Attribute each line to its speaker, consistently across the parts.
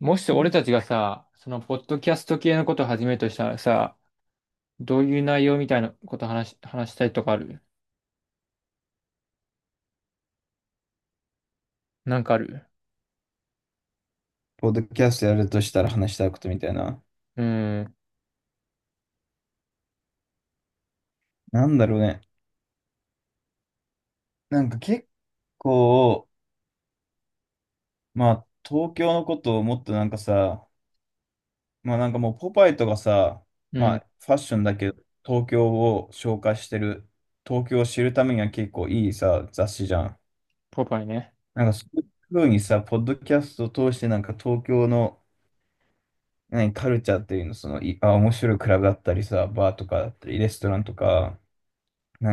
Speaker 1: もし俺たちがさ、そのポッドキャスト系のことを始めるとしたらさ、どういう内容みたいなこと話したいとかある？なんかある？
Speaker 2: ポッドキャストやるとしたら話したいことみたいな。
Speaker 1: うん。
Speaker 2: なんだろうね。なんか結構、まあ、東京のことをもっとなんかさ、まあなんかもうポパイとかさ、
Speaker 1: う
Speaker 2: ま
Speaker 1: ん。
Speaker 2: あファッションだけど、東京を紹介してる、東京を知るためには結構いいさ、雑誌じゃん。
Speaker 1: ポパイね。
Speaker 2: なんかそういう風にさ、ポッドキャストを通してなんか東京の、カルチャーっていうの、その、面白いクラブだったりさ、バーとかだったり、レストランとか、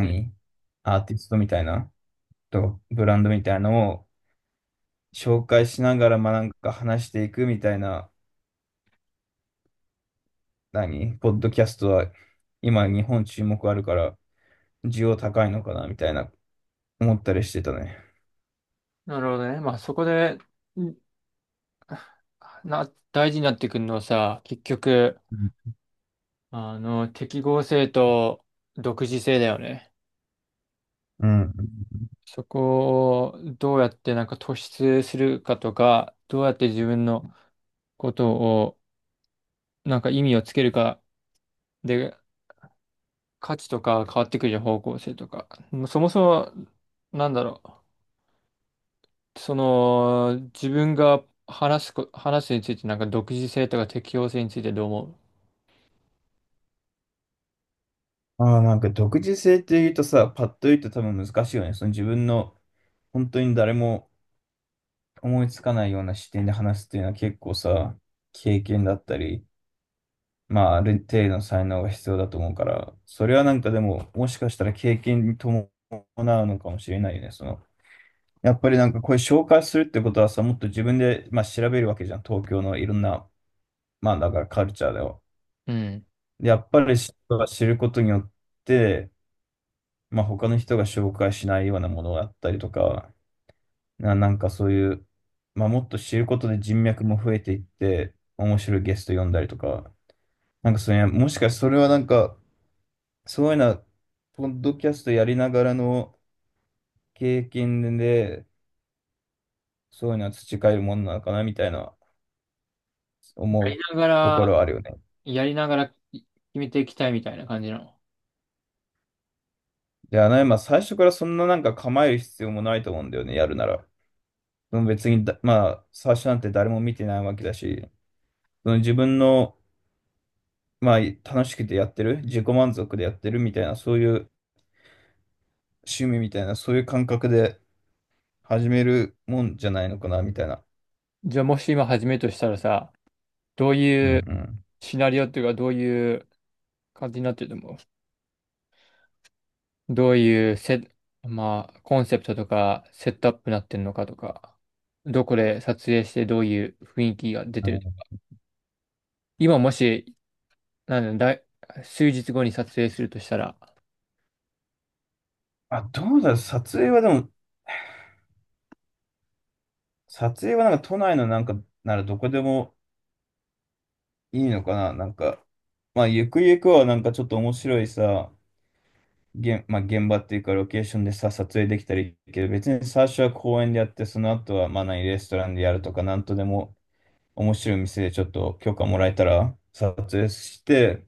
Speaker 1: うん。
Speaker 2: アーティストみたいな、とブランドみたいなのを、紹介しながら、まあなんか話していくみたいな、ポッドキャストは今日本注目あるから需要高いのかなみたいな思ったりしてたね。
Speaker 1: なるほどね。まあそこで、んな、大事になってくるのはさ、結局、
Speaker 2: うん。
Speaker 1: 適合性と独自性だよね。
Speaker 2: うん、
Speaker 1: そこをどうやってなんか突出するかとか、どうやって自分のことをなんか意味をつけるかで価値とか変わってくるじゃん、方向性とか。もうそもそも、なんだろう。その、自分が話す話すについて、なんか独自性とか適応性についてどう思
Speaker 2: ああ、なんか独自性って言うとさ、パッと言うと多分難しいよね。その自分の本当に誰も思いつかないような視点で話すっていうのは結構さ、経験だったり、まあある程度の才能が必要だと思うから、それはなんかでももしかしたら経験に伴うのかもしれないよね。そのやっぱりなんかこれ紹介するってことはさ、もっと自分で、まあ、調べるわけじゃん。東京のいろんな、まあだからカルチャーだよ。
Speaker 1: う？うん。
Speaker 2: で、やっぱり知人が知ることによって、まあ他の人が紹介しないようなものだったりとか、なんかそういう、まあもっと知ることで人脈も増えていって、面白いゲスト呼んだりとか、なんかそれ、もしかしてそれはなんか、そういうな、ポッドキャストやりながらの経験で、そういうのは培えるものなのかなみたいな思
Speaker 1: や
Speaker 2: う
Speaker 1: りなが
Speaker 2: ところは
Speaker 1: ら、
Speaker 2: あるよね。
Speaker 1: やりながら決めていきたいみたいな感じなの？
Speaker 2: いや、ね、まあ、最初からそんななんか構える必要もないと思うんだよね、やるなら。うん、別に、まあ、最初なんて誰も見てないわけだし、その自分の、まあ、楽しくてやってる、自己満足でやってるみたいな、そういう趣味みたいな、そういう感覚で始めるもんじゃないのかな、みたいな。
Speaker 1: じゃあもし今始めるとしたらさ、どう
Speaker 2: うん
Speaker 1: い
Speaker 2: う
Speaker 1: う
Speaker 2: ん。
Speaker 1: シナリオっていうか、どういう感じになってると思う？どういうセ、まあ、コンセプトとか、セットアップになってるのかとか、どこで撮影してどういう雰囲気が出
Speaker 2: あ
Speaker 1: て
Speaker 2: の、
Speaker 1: る？今もし、なんだ、だい数日後に撮影するとしたら、
Speaker 2: あ、どうだろう、撮影はでも、撮影はなんか都内のなんか、ならどこでもいいのかな、なんか、まあ、ゆくゆくはなんかちょっと面白いさ、まあ、現場っていうかロケーションでさ、撮影できたらいいけど、別に最初は公園でやって、その後はまあレストランでやるとか、なんとでも面白い店でちょっと許可もらえたら撮影して、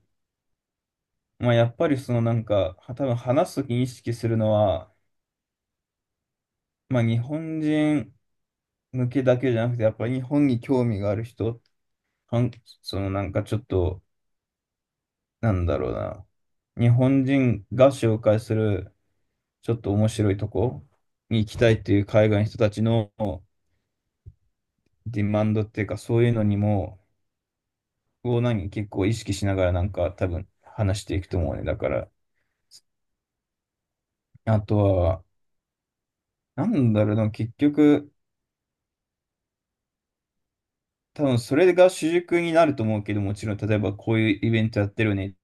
Speaker 2: まあやっぱりそのなんか、は多分話すときに意識するのは、まあ日本人向けだけじゃなくて、やっぱり日本に興味がある人、はんそのなんかちょっと、なんだろうな、日本人が紹介するちょっと面白いとこに行きたいっていう海外の人たちの、ディマンドっていうか、そういうのにも、結構意識しながらなんか多分話していくと思うね。だから、あとは、なんだろうな、結局、多分それが主軸になると思うけど、もちろん、例えばこういうイベントやってるよね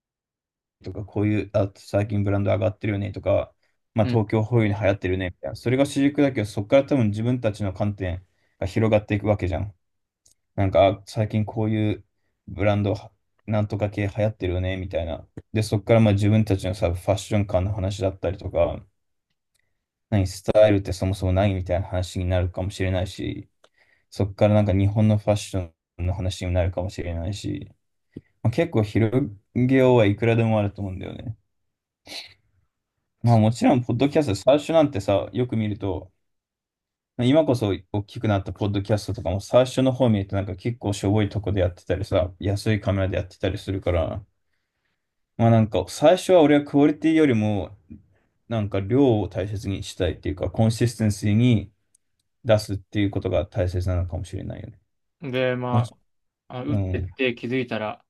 Speaker 2: とか、こういう、あ、最近ブランド上がってるよねとか、まあ
Speaker 1: うん。
Speaker 2: 東京ホイールに流行ってるよねみたいな、それが主軸だけど、そこから多分自分たちの観点が広がっていくわけじゃん。なんか、あ最近こういうブランドなんとか系流行ってるよね、みたいな。で、そこからまあ自分たちのさ、ファッション感の話だったりとか、スタイルってそもそも何みたいな話になるかもしれないし、そこからなんか日本のファッションの話になるかもしれないし、まあ、結構広げようはいくらでもあると思うんだよね。まあもちろん、ポッドキャスト、最初なんてさ、よく見ると、今こそ大きくなったポッドキャストとかも最初の方見るとなんか結構しょぼいとこでやってたりさ、安いカメラでやってたりするから、まあなんか最初は俺はクオリティよりもなんか量を大切にしたいっていうかコンシステンシーに出すっていうことが大切なのかもしれないよね。
Speaker 1: で、
Speaker 2: も
Speaker 1: ま
Speaker 2: ち、
Speaker 1: あ、あ、打
Speaker 2: う
Speaker 1: ってっ
Speaker 2: ん。
Speaker 1: て気づいたら、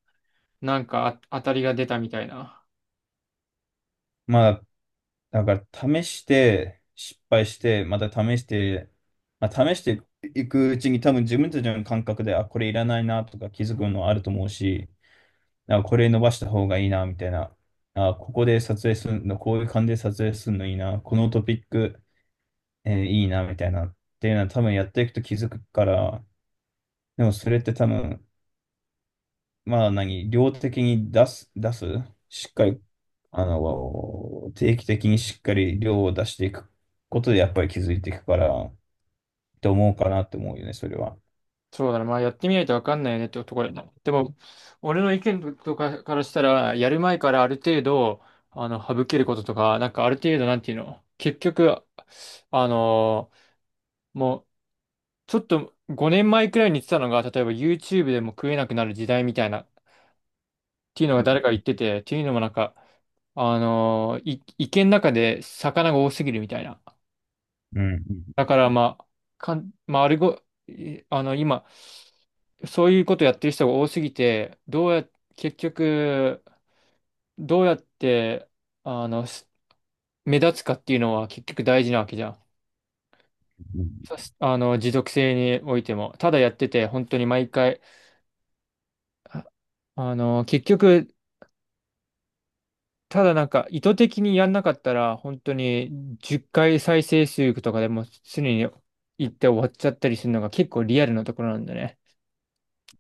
Speaker 1: なんかあ当たりが出たみたいな。
Speaker 2: まあだから試して失敗してまた試して、まあ、試していくうちに多分自分たちの感覚で、あこれいらないなとか気づくのあると思うし、なんかこれ伸ばした方がいいなみたいな、あここで撮影するのこういう感じで撮影するのいいな、このトピックえーいいな、みたいな、っていうのは多分やっていくと気づくから、でもそれって多分、まあ何、量的に出す、しっかり、定期的にしっかり量を出していくことでやっぱり気づいていくから、って思うかなって思うよね、それは。
Speaker 1: そうだな、まあやってみないとわかんないよねってところだな。でも、俺の意見とかからしたら、やる前からある程度、あの、省けることとか、なんかある程度、なんていうの、結局、あのーもう、ちょっと5年前くらいに言ってたのが、例えば YouTube でも食えなくなる時代みたいな、っていうのが誰か言ってて、っていうのもなんか、あのい、池の中で魚が多すぎるみたいな。
Speaker 2: うん。う
Speaker 1: だ
Speaker 2: ん
Speaker 1: からまあ、かん、まあ、あれご、いあの、今、そういうことやってる人が多すぎて、どうや、結局、どうやって、あの、す目立つかっていうのは結局大事なわけじゃん。
Speaker 2: うん
Speaker 1: そしあの、持続性においても。ただやってて、本当に毎回、あ結局、ただなんか意図的にやんなかったら、本当に10回再生数とかでも常に行って終わっちゃったりするのが結構リアルなところなんだね。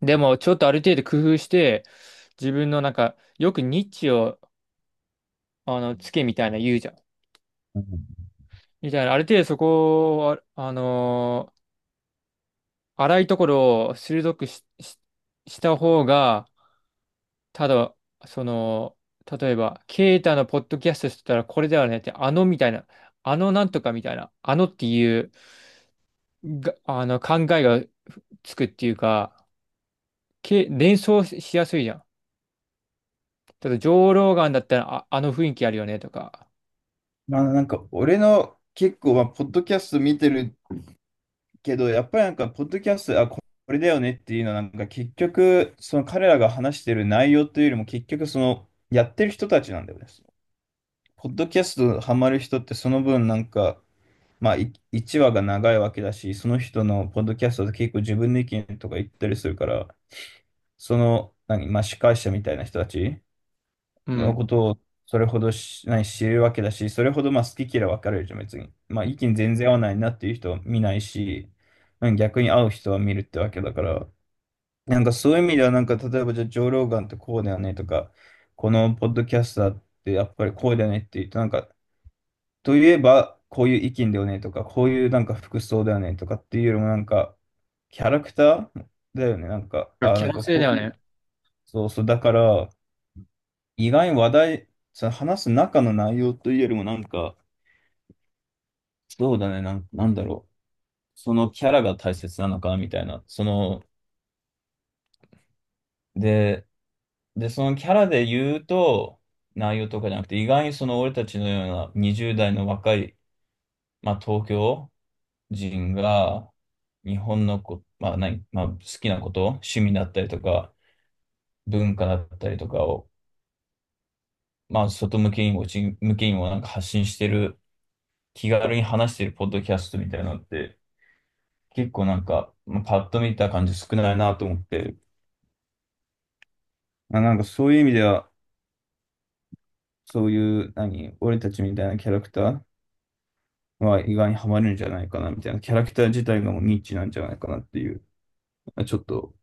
Speaker 1: でもちょっとある程度工夫して、自分のなんか、よくニッチを、あの、つけみたいな言うじゃん。
Speaker 2: うん。うん、
Speaker 1: みたいな、ある程度そこを、荒いところを鋭くした方が、ただ、その、例えば、ケイタのポッドキャストしてたらこれだよねって、あのみたいな。あのなんとかみたいな、あのっていうが、あの、考えがつくっていうか、連想しやすいじゃん。ただ、上ロガンだったら、あ、あの雰囲気あるよねとか。
Speaker 2: まあなんか俺の結構まあポッドキャスト見てるけど、やっぱりなんか、ポッドキャスト、これだよねっていうのは、なんか結局、その彼らが話してる内容というよりも、結局、その、やってる人たちなんだよね。ポッドキャストハマる人って、その分、なんか、まあ、1話が長いわけだし、その人のポッドキャストで結構自分の意見とか言ったりするから、その、まあ、司会者みたいな人たち
Speaker 1: う
Speaker 2: の
Speaker 1: ん。
Speaker 2: ことをそれほどし、ない知るわけだし、それほどまあ好き嫌い分かれるじゃん、別に。まあ意見全然合わないなっていう人は見ないし、うん、逆に合う人は見るってわけだから、なんかそういう意味では、なんか例えばじゃあ、ジョー・ローガンってこうだよねとか、このポッドキャスターってやっぱりこうだよねって言うと、なんか、といえばこういう意見だよねとか、こういうなんか服装だよねとかっていうよりもなんか、キャラクターだよね、なんか、あ、
Speaker 1: 気
Speaker 2: なん
Speaker 1: の
Speaker 2: か
Speaker 1: せいだ
Speaker 2: こう
Speaker 1: よ
Speaker 2: いう、
Speaker 1: ね。
Speaker 2: そうそう、だから、意外に話題、その話す中の内容というよりもなんか、そうだね、なんだろう。そのキャラが大切なのか、みたいな。その、で、そのキャラで言うと、内容とかじゃなくて、意外にその俺たちのような20代の若い、まあ東京人が、日本のこ、まあまあ好きなこと、趣味だったりとか、文化だったりとかを、まあ外向けにも内向けにもなんか発信してる、気軽に話してるポッドキャストみたいなのって、結構なんか、まあ、パッと見た感じ少ないなと思って、まあ、なんかそういう意味では、そういう、俺たちみたいなキャラクターは意外にハマるんじゃないかなみたいな、キャラクター自体がもうニッチなんじゃないかなっていう、まあちょっと、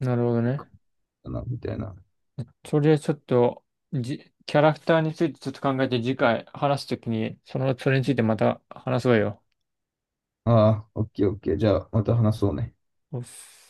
Speaker 1: なるほどね。
Speaker 2: かなみたいな。
Speaker 1: それちょっと、キャラクターについてちょっと考えて、次回話すときに、その、それについてまた話そうよ。
Speaker 2: ああ、オッケーオッケー。じゃあ、また話そうね。
Speaker 1: おっす。